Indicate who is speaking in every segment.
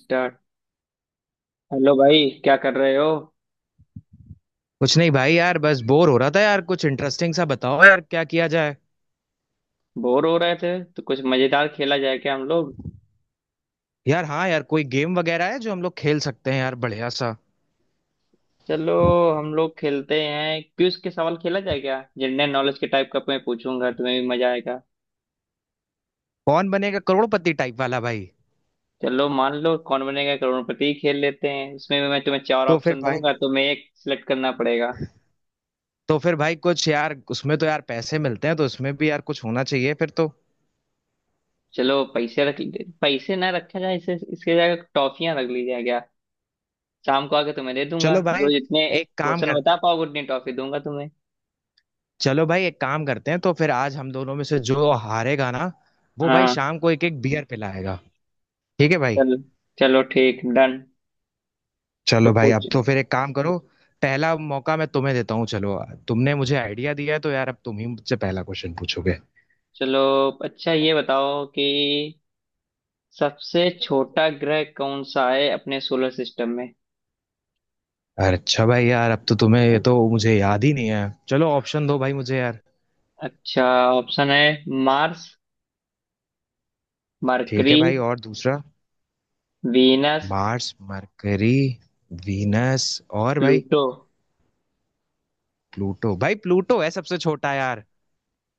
Speaker 1: Start. Hello भाई, क्या कर रहे हो?
Speaker 2: कुछ नहीं भाई, यार बस बोर हो रहा था। यार कुछ इंटरेस्टिंग सा बताओ, यार क्या किया जाए।
Speaker 1: बोर हो रहे थे तो कुछ मजेदार खेला जाए क्या हम लोग?
Speaker 2: यार हाँ यार, कोई गेम वगैरह है जो हम लोग खेल सकते हैं, यार बढ़िया सा।
Speaker 1: चलो, हम लोग खेलते हैं क्विज के सवाल। खेला जाए क्या? जनरल नॉलेज के टाइप का, मैं पूछूंगा, तुम्हें भी मजा आएगा।
Speaker 2: कौन बनेगा करोड़पति टाइप वाला भाई।
Speaker 1: चलो, मान लो कौन बनेगा करोड़पति खेल लेते हैं। इसमें भी मैं तुम्हें चार
Speaker 2: तो फिर
Speaker 1: ऑप्शन
Speaker 2: भाई
Speaker 1: दूंगा, तुम्हें एक सिलेक्ट करना पड़ेगा।
Speaker 2: तो फिर भाई कुछ यार, उसमें तो यार पैसे मिलते हैं तो उसमें भी यार कुछ होना चाहिए फिर तो।
Speaker 1: चलो, पैसे ना रखा जाए, इसे इसके जगह टॉफियां रख ली जाए क्या? शाम को आके तुम्हें दे दूंगा,
Speaker 2: चलो
Speaker 1: जो
Speaker 2: भाई
Speaker 1: जितने
Speaker 2: एक काम
Speaker 1: क्वेश्चन
Speaker 2: कर
Speaker 1: बता पाओगे उतनी टॉफी दूंगा तुम्हें।
Speaker 2: चलो भाई एक काम करते हैं, तो फिर आज हम दोनों में से जो हारेगा ना वो भाई
Speaker 1: हाँ।
Speaker 2: शाम को एक एक बियर पिलाएगा। ठीक है भाई।
Speaker 1: चलो। चलो, ठीक, डन। तो
Speaker 2: चलो भाई
Speaker 1: पूछ।
Speaker 2: अब तो फिर एक काम करो, पहला मौका मैं तुम्हें देता हूँ। चलो, तुमने मुझे आइडिया दिया है तो यार अब तुम ही मुझसे पहला क्वेश्चन पूछोगे।
Speaker 1: चलो। अच्छा, ये बताओ कि सबसे छोटा ग्रह कौन सा है अपने सोलर सिस्टम में?
Speaker 2: अरे अच्छा भाई, यार अब तो तुम्हें ये,
Speaker 1: को-
Speaker 2: तो मुझे याद ही नहीं है। चलो ऑप्शन दो भाई मुझे यार।
Speaker 1: अच्छा, ऑप्शन है: मार्स,
Speaker 2: ठीक है
Speaker 1: मरकरी,
Speaker 2: भाई, और दूसरा?
Speaker 1: वीनस,
Speaker 2: मार्स, मरकरी, वीनस, और भाई
Speaker 1: प्लूटो।
Speaker 2: प्लूटो। भाई प्लूटो है सबसे छोटा यार।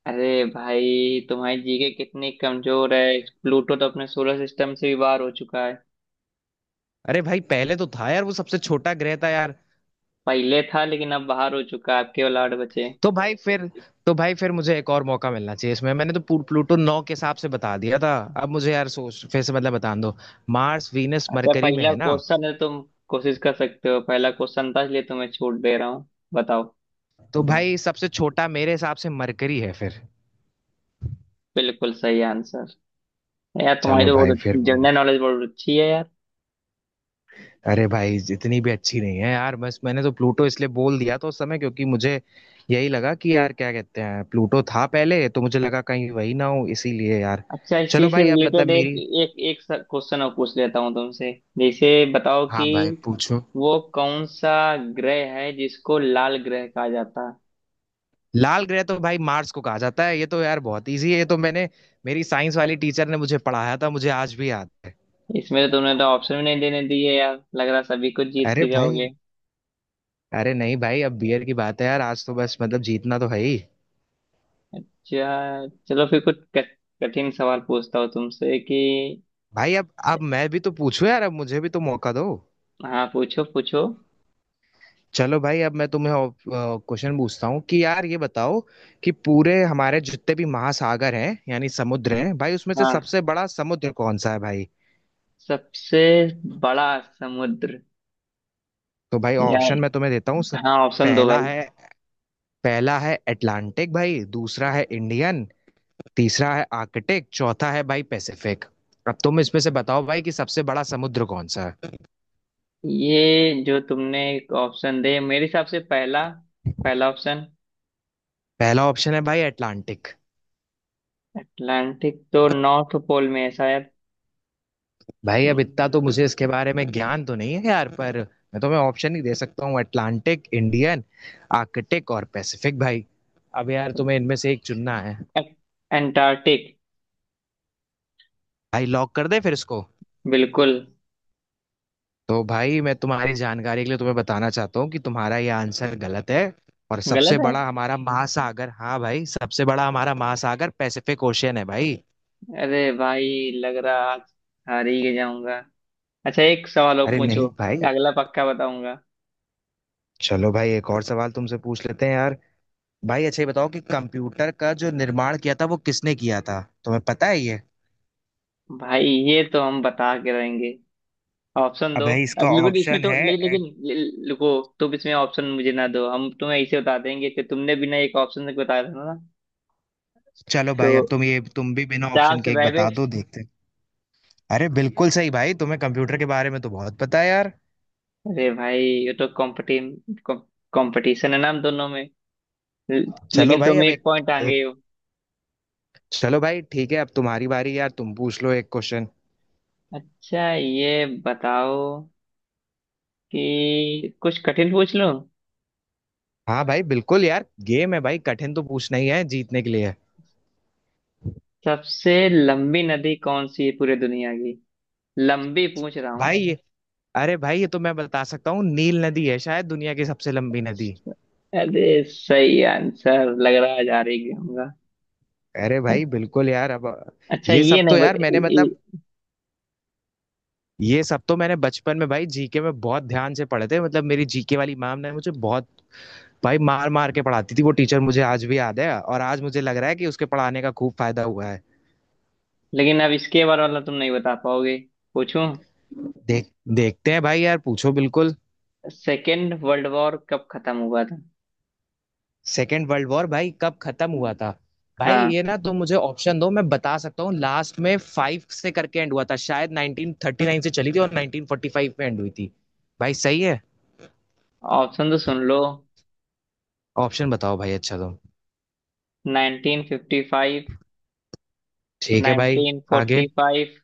Speaker 1: अरे भाई, तुम्हारी जीके कितनी कमजोर है! प्लूटो तो अपने सोलर सिस्टम से भी बाहर हो चुका है।
Speaker 2: अरे भाई पहले तो था यार, वो सबसे छोटा ग्रह था यार।
Speaker 1: पहले था, लेकिन अब बाहर हो चुका है। आपके केवल आठ बचे हैं।
Speaker 2: तो भाई फिर तो भाई फिर मुझे एक और मौका मिलना चाहिए। इसमें मैंने तो प्लूटो नौ के हिसाब से बता दिया था। अब मुझे यार सोच, फिर से मतलब बता दो। मार्स, वीनस,
Speaker 1: अच्छा,
Speaker 2: मरकरी में
Speaker 1: पहला
Speaker 2: है ना।
Speaker 1: क्वेश्चन है, तुम कोशिश कर सकते हो, पहला क्वेश्चन था इसलिए तुम्हें छूट दे रहा हूँ। बताओ।
Speaker 2: तो भाई सबसे छोटा मेरे हिसाब से मरकरी है फिर।
Speaker 1: बिल्कुल सही आंसर! यार तुम्हारी
Speaker 2: चलो
Speaker 1: तो
Speaker 2: भाई
Speaker 1: बहुत
Speaker 2: फिर।
Speaker 1: जनरल नॉलेज बहुत अच्छी है यार।
Speaker 2: अरे भाई इतनी भी अच्छी नहीं है यार, बस मैंने तो प्लूटो इसलिए बोल दिया था उस समय, क्योंकि मुझे यही लगा कि यार क्या कहते हैं, प्लूटो था पहले, तो मुझे लगा कहीं वही ना हो, इसीलिए यार।
Speaker 1: अच्छा, इसी
Speaker 2: चलो
Speaker 1: से
Speaker 2: भाई अब मतलब
Speaker 1: रिलेटेड एक
Speaker 2: मेरी।
Speaker 1: एक एक क्वेश्चन और पूछ लेता हूँ तुमसे। जैसे बताओ
Speaker 2: हाँ
Speaker 1: कि
Speaker 2: भाई पूछो।
Speaker 1: वो कौन सा ग्रह है जिसको लाल ग्रह कहा जाता
Speaker 2: लाल ग्रह तो भाई मार्स को कहा जाता है, ये तो यार बहुत इजी है, ये तो मैंने, मेरी साइंस वाली टीचर ने मुझे पढ़ाया था, मुझे आज भी याद है।
Speaker 1: है? इसमें तो तुमने तो ऑप्शन भी नहीं देने दिए यार, लग रहा सभी कुछ जीत
Speaker 2: अरे
Speaker 1: के
Speaker 2: भाई।
Speaker 1: जाओगे।
Speaker 2: अरे नहीं भाई, अब बियर की बात है यार, आज तो बस मतलब जीतना तो है ही।
Speaker 1: अच्छा, चलो, फिर कुछ कठिन सवाल पूछता हूँ तुमसे कि...
Speaker 2: भाई अब मैं भी तो पूछूं यार, अब मुझे भी तो मौका दो।
Speaker 1: हाँ, पूछो पूछो।
Speaker 2: चलो भाई अब मैं तुम्हें क्वेश्चन पूछता हूँ कि यार ये बताओ कि पूरे हमारे जितने भी महासागर हैं यानी समुद्र हैं भाई, उसमें से
Speaker 1: हाँ,
Speaker 2: सबसे बड़ा समुद्र कौन सा है भाई।
Speaker 1: सबसे बड़ा समुद्र?
Speaker 2: तो भाई
Speaker 1: या...
Speaker 2: ऑप्शन मैं तुम्हें देता हूँ,
Speaker 1: हाँ, ऑप्शन दो
Speaker 2: पहला
Speaker 1: भाई।
Speaker 2: है पहला है अटलांटिक भाई, दूसरा है इंडियन, तीसरा है आर्कटिक, चौथा है भाई पैसिफिक। अब तुम इसमें से बताओ भाई कि सबसे बड़ा समुद्र कौन सा है।
Speaker 1: ये जो तुमने एक ऑप्शन दे, मेरे हिसाब से पहला पहला ऑप्शन।
Speaker 2: पहला ऑप्शन है भाई अटलांटिक।
Speaker 1: अटलांटिक तो नॉर्थ पोल में है शायद।
Speaker 2: भाई अब
Speaker 1: हम्म,
Speaker 2: इतना तो मुझे इसके बारे में ज्ञान तो नहीं है यार, पर मैं तुम्हें ऑप्शन ही दे सकता हूँ, अटलांटिक, इंडियन, आर्कटिक और पैसिफिक भाई। अब यार तुम्हें इनमें से एक चुनना है।
Speaker 1: ए- अंटार्कटिक।
Speaker 2: भाई लॉक कर दे फिर इसको।
Speaker 1: बिल्कुल।
Speaker 2: तो भाई मैं तुम्हारी जानकारी के लिए तुम्हें बताना चाहता हूँ कि तुम्हारा यह आंसर गलत है, और सबसे
Speaker 1: गलत है?
Speaker 2: बड़ा हमारा महासागर, हाँ भाई सबसे बड़ा हमारा महासागर पैसिफिक ओशियन है भाई।
Speaker 1: अरे भाई, लग रहा आज हार ही जाऊंगा। अच्छा, एक सवाल और
Speaker 2: अरे
Speaker 1: पूछो,
Speaker 2: नहीं भाई।
Speaker 1: अगला पक्का बताऊंगा।
Speaker 2: चलो भाई एक और सवाल तुमसे पूछ लेते हैं यार। भाई अच्छा ये बताओ कि कंप्यूटर का जो निर्माण किया था वो किसने किया था, तुम्हें पता है ये?
Speaker 1: भाई, ये तो हम बता के रहेंगे। ऑप्शन
Speaker 2: अब
Speaker 1: दो
Speaker 2: भाई
Speaker 1: अब,
Speaker 2: इसका
Speaker 1: लेकिन इसमें
Speaker 2: ऑप्शन
Speaker 1: तो
Speaker 2: है,
Speaker 1: लेकिन
Speaker 2: एड-
Speaker 1: रुको। तुम इसमें ऑप्शन मुझे ना दो, हम तुम्हें ऐसे बता देंगे कि तुमने बिना एक ऑप्शन से बताया था ना।
Speaker 2: चलो
Speaker 1: तो
Speaker 2: भाई अब तुम, ये तुम भी बिना
Speaker 1: चार
Speaker 2: ऑप्शन
Speaker 1: से
Speaker 2: के एक बता
Speaker 1: बैबेज।
Speaker 2: दो, देखते हैं। अरे बिल्कुल सही भाई, तुम्हें कंप्यूटर के बारे में तो बहुत पता है यार।
Speaker 1: अरे भाई, ये तो कॉम्पिटिम कंपटीशन है ना हम दोनों में।
Speaker 2: चलो
Speaker 1: लेकिन
Speaker 2: भाई
Speaker 1: तुम
Speaker 2: अब
Speaker 1: एक
Speaker 2: एक,
Speaker 1: पॉइंट आगे हो।
Speaker 2: चलो भाई ठीक है अब तुम्हारी बारी यार, तुम पूछ लो एक क्वेश्चन।
Speaker 1: अच्छा, ये बताओ कि कुछ कठिन पूछ लूं?
Speaker 2: हाँ भाई बिल्कुल यार, गेम है भाई कठिन तो पूछना ही है, जीतने के लिए है।
Speaker 1: सबसे लंबी नदी कौन सी है पूरी दुनिया की? लंबी पूछ रहा हूँ।
Speaker 2: भाई ये अरे भाई ये तो मैं बता सकता हूँ, नील नदी है शायद दुनिया की सबसे लंबी नदी।
Speaker 1: अरे, सही आंसर! लग रहा है जा रही होगा।
Speaker 2: अरे भाई बिल्कुल यार। अब
Speaker 1: अच्छा,
Speaker 2: ये
Speaker 1: ये
Speaker 2: सब तो
Speaker 1: नहीं
Speaker 2: यार
Speaker 1: बत,
Speaker 2: मैंने
Speaker 1: ये-
Speaker 2: मतलब, ये सब तो मैंने बचपन में भाई जीके में बहुत ध्यान से पढ़े थे, मतलब मेरी जीके वाली मैम ने मुझे बहुत भाई मार मार के पढ़ाती थी, वो टीचर मुझे आज भी याद है और आज मुझे लग रहा है कि उसके पढ़ाने का खूब फायदा हुआ है।
Speaker 1: लेकिन अब इसके बारे वाला तुम नहीं बता पाओगे। पूछूं?
Speaker 2: देख देखते हैं भाई, यार पूछो बिल्कुल।
Speaker 1: सेकेंड वर्ल्ड वॉर कब खत्म हुआ था?
Speaker 2: सेकेंड वर्ल्ड वॉर भाई कब खत्म हुआ था? भाई
Speaker 1: हाँ,
Speaker 2: ये ना तुम मुझे ऑप्शन दो, मैं बता सकता हूँ, लास्ट में फाइव से करके एंड हुआ था शायद, 1939 से चली थी और 1945 में एंड हुई थी। भाई सही है।
Speaker 1: ऑप्शन तो सुन लो:
Speaker 2: ऑप्शन बताओ भाई, अच्छा तुम।
Speaker 1: 1955,
Speaker 2: ठीक है भाई। आगे।
Speaker 1: 1945,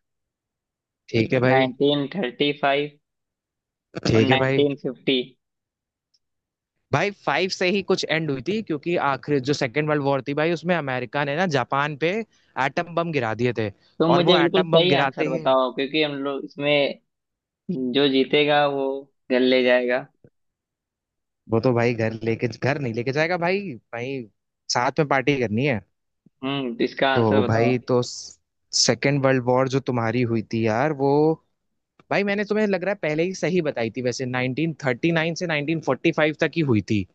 Speaker 2: ठीक है भाई।
Speaker 1: 1935 और
Speaker 2: ठीक है भाई।
Speaker 1: 1950।
Speaker 2: भाई फाइव से ही कुछ एंड हुई थी, क्योंकि आखिर जो सेकेंड वर्ल्ड वॉर थी भाई, उसमें अमेरिका ने ना जापान पे एटम बम गिरा दिए थे।
Speaker 1: तो
Speaker 2: और वो
Speaker 1: मुझे बिल्कुल
Speaker 2: एटम बम
Speaker 1: सही
Speaker 2: गिराते
Speaker 1: आंसर
Speaker 2: ही,
Speaker 1: बताओ, क्योंकि हम लोग इसमें जो जीतेगा वो घर ले जाएगा।
Speaker 2: वो तो भाई घर लेके, घर नहीं लेके जाएगा भाई। भाई साथ में पार्टी करनी है।
Speaker 1: तो इसका आंसर
Speaker 2: तो भाई,
Speaker 1: बताओ।
Speaker 2: तो सेकेंड वर्ल्ड वॉर जो तुम्हारी हुई थी यार, वो भाई मैंने तुम्हें, लग रहा है पहले ही सही बताई थी, वैसे 1939 से 1945 तक ही हुई थी,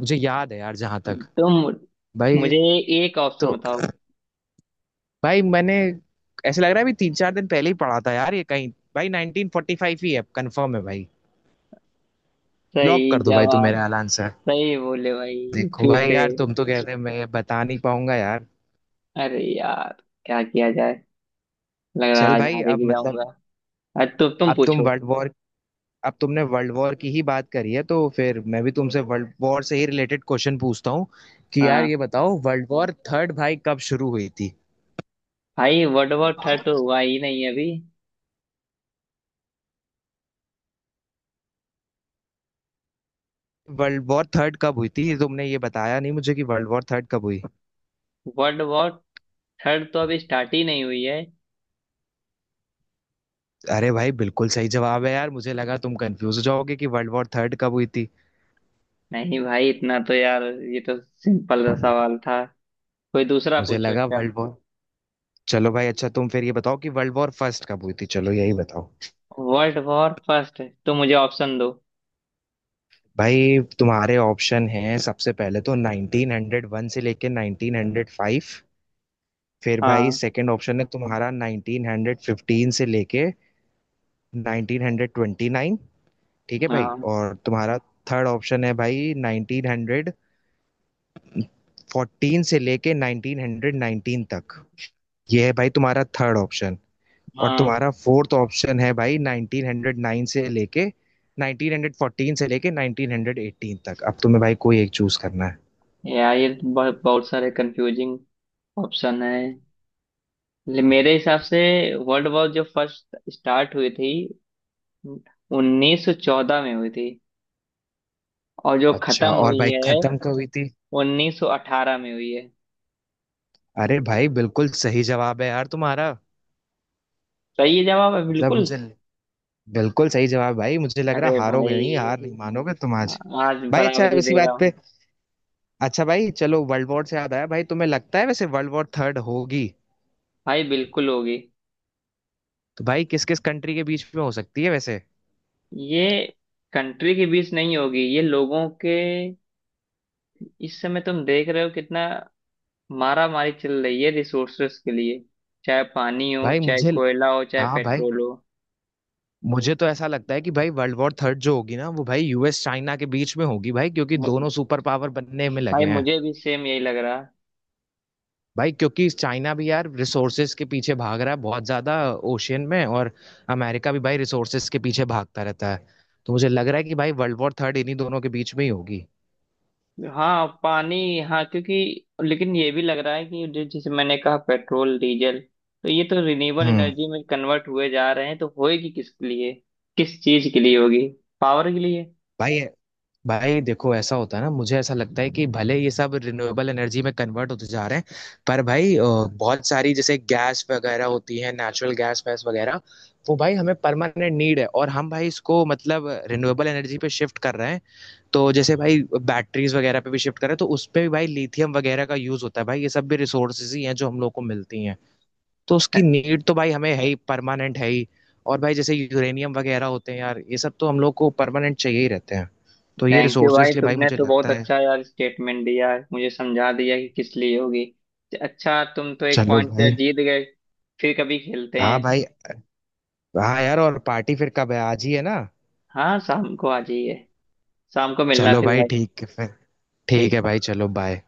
Speaker 2: मुझे याद है यार जहां तक।
Speaker 1: तुम
Speaker 2: भाई,
Speaker 1: मुझे एक ऑप्शन
Speaker 2: तो
Speaker 1: बताओ।
Speaker 2: भाई मैंने, ऐसे लग रहा है अभी तीन चार दिन पहले ही पढ़ा था यार ये कहीं। भाई 1945 ही है, कंफर्म है भाई। लॉक
Speaker 1: सही
Speaker 2: कर दो भाई, तुम
Speaker 1: जवाब!
Speaker 2: मेरा एलान सर।
Speaker 1: सही बोले भाई,
Speaker 2: देखो
Speaker 1: फिर
Speaker 2: भाई
Speaker 1: से।
Speaker 2: यार, तुम तो कहते हैं मैं बता नहीं पाऊंगा यार।
Speaker 1: अरे यार, क्या किया जाए? लग रहा है
Speaker 2: चल
Speaker 1: आज
Speaker 2: भाई
Speaker 1: हारे
Speaker 2: अब
Speaker 1: के
Speaker 2: मतलब,
Speaker 1: जाऊंगा। आज तो तुम
Speaker 2: अब तुम
Speaker 1: पूछो।
Speaker 2: वर्ल्ड वॉर अब तुमने वर्ल्ड वॉर की ही बात करी है तो फिर मैं भी तुमसे वर्ल्ड वॉर से ही रिलेटेड क्वेश्चन पूछता हूँ कि यार
Speaker 1: हाँ
Speaker 2: ये बताओ वर्ल्ड वॉर थर्ड भाई कब शुरू हुई थी?
Speaker 1: भाई, वर्ल्ड वॉर थर्ड तो हुआ ही नहीं अभी।
Speaker 2: वर्ल्ड वॉर थर्ड कब हुई थी, तुमने ये बताया नहीं मुझे कि वर्ल्ड वॉर थर्ड कब हुई?
Speaker 1: वर्ल्ड वॉर थर्ड तो अभी स्टार्ट ही नहीं हुई है।
Speaker 2: अरे भाई बिल्कुल सही जवाब है यार, मुझे लगा तुम कंफ्यूज हो जाओगे कि वर्ल्ड वॉर थर्ड कब हुई थी।
Speaker 1: नहीं भाई, इतना तो यार ये तो सिंपल सा सवाल था। कोई दूसरा
Speaker 2: मुझे
Speaker 1: पूछो।
Speaker 2: लगा
Speaker 1: अच्छा,
Speaker 2: वर्ल्ड वॉर चलो भाई अच्छा तुम फिर ये बताओ कि वर्ल्ड वॉर फर्स्ट कब हुई थी, चलो यही बताओ।
Speaker 1: वर्ल्ड वॉर फर्स्ट तो मुझे ऑप्शन दो।
Speaker 2: भाई तुम्हारे ऑप्शन हैं, सबसे पहले तो 1901 से लेके 1905, फिर भाई
Speaker 1: हाँ।
Speaker 2: सेकंड ऑप्शन है तुम्हारा 1915 से लेके 1929। ठीक है भाई,
Speaker 1: हाँ।
Speaker 2: और तुम्हारा थर्ड ऑप्शन है भाई 1914 से लेके 1919 तक, ये है भाई तुम्हारा थर्ड ऑप्शन। और
Speaker 1: हाँ।
Speaker 2: तुम्हारा फोर्थ ऑप्शन है भाई 1909 से लेके, 1914 से लेके 1918 तक, अब तुम्हें भाई कोई एक चूज करना है।
Speaker 1: यार, ये तो बहुत बहुत सारे कंफ्यूजिंग ऑप्शन है। मेरे हिसाब से वर्ल्ड वॉर जो फर्स्ट स्टार्ट हुई थी 1914 में हुई थी, और जो
Speaker 2: अच्छा,
Speaker 1: खत्म
Speaker 2: और
Speaker 1: हुई
Speaker 2: भाई
Speaker 1: है
Speaker 2: खत्म कब हुई थी?
Speaker 1: 1918 में हुई है।
Speaker 2: अरे भाई बिल्कुल सही जवाब है यार तुम्हारा,
Speaker 1: सही है, जवाब है
Speaker 2: मतलब
Speaker 1: बिल्कुल।
Speaker 2: मुझे, बिल्कुल सही जवाब भाई, मुझे लग रहा
Speaker 1: अरे
Speaker 2: हारोगे नहीं, हार नहीं
Speaker 1: भाई,
Speaker 2: मानोगे तुम आज।
Speaker 1: आज
Speaker 2: भाई अच्छा
Speaker 1: बराबरी
Speaker 2: इसी
Speaker 1: दे रहा
Speaker 2: बात
Speaker 1: हूँ।
Speaker 2: पे, अच्छा भाई चलो वर्ल्ड वॉर से याद आया भाई, तुम्हें लगता है वैसे वर्ल्ड वॉर थर्ड होगी?
Speaker 1: भाई बिल्कुल होगी।
Speaker 2: तो भाई किस किस कंट्री के बीच में हो सकती है वैसे?
Speaker 1: ये कंट्री के बीच नहीं होगी, ये लोगों के... इस समय तुम देख रहे हो कितना मारा मारी चल रही है रिसोर्सेस के लिए? चाहे पानी हो,
Speaker 2: भाई
Speaker 1: चाहे
Speaker 2: मुझे
Speaker 1: कोयला हो, चाहे
Speaker 2: हाँ भाई,
Speaker 1: पेट्रोल हो।
Speaker 2: मुझे तो ऐसा लगता है कि भाई वर्ल्ड वॉर थर्ड जो होगी ना वो भाई यूएस चाइना के बीच में होगी भाई, क्योंकि
Speaker 1: मु-
Speaker 2: दोनों सुपर पावर बनने में लगे
Speaker 1: भाई
Speaker 2: हैं।
Speaker 1: मुझे भी सेम यही लग रहा।
Speaker 2: भाई क्योंकि चाइना भी यार रिसोर्सेज के पीछे भाग रहा है बहुत ज्यादा, ओशियन में, और अमेरिका भी भाई रिसोर्सेज के पीछे भागता रहता है, तो मुझे लग रहा है कि भाई वर्ल्ड वॉर थर्ड इन्हीं दोनों के बीच में ही होगी।
Speaker 1: हाँ, पानी। हाँ, क्योंकि... लेकिन ये भी लग रहा है कि जैसे मैंने कहा पेट्रोल डीजल, तो ये तो रिन्यूएबल
Speaker 2: हम्म।
Speaker 1: एनर्जी में कन्वर्ट हुए जा रहे हैं, तो होएगी किसके लिए? किस चीज के लिए होगी? पावर के लिए।
Speaker 2: भाई भाई देखो ऐसा होता है ना, मुझे ऐसा लगता है कि भले ये सब रिन्यूएबल एनर्जी में कन्वर्ट होते जा रहे हैं, पर भाई बहुत सारी जैसे गैस वगैरह होती है, नेचुरल गैस वैस वगैरह, वो भाई हमें परमानेंट नीड है, और हम भाई इसको मतलब रिन्यूएबल एनर्जी पे शिफ्ट कर रहे हैं। तो जैसे भाई बैटरीज वगैरह पे भी शिफ्ट करें, तो उस पे भी भाई लिथियम वगैरह का यूज होता है, भाई ये सब भी रिसोर्सेज ही हैं जो हम लोग को मिलती हैं, तो उसकी नीड तो भाई हमें है ही, परमानेंट है ही। और भाई जैसे यूरेनियम वगैरह होते हैं यार, ये सब तो हम लोग को परमानेंट चाहिए ही रहते हैं, तो ये
Speaker 1: थैंक यू
Speaker 2: रिसोर्सेज
Speaker 1: भाई,
Speaker 2: के लिए भाई
Speaker 1: तुमने
Speaker 2: मुझे
Speaker 1: तो बहुत
Speaker 2: लगता है।
Speaker 1: अच्छा यार स्टेटमेंट दिया है, मुझे समझा दिया कि किस लिए होगी। अच्छा, तुम तो एक
Speaker 2: चलो
Speaker 1: पॉइंट से
Speaker 2: भाई।
Speaker 1: जीत गए। फिर कभी खेलते
Speaker 2: हाँ
Speaker 1: हैं।
Speaker 2: भाई, हाँ यार और पार्टी फिर कब है, आज ही है ना?
Speaker 1: हाँ, शाम को आ जाइए। शाम को मिलना
Speaker 2: चलो
Speaker 1: फिर
Speaker 2: भाई
Speaker 1: भाई।
Speaker 2: ठीक है फिर। ठीक
Speaker 1: ठीक।
Speaker 2: है भाई, चलो बाय।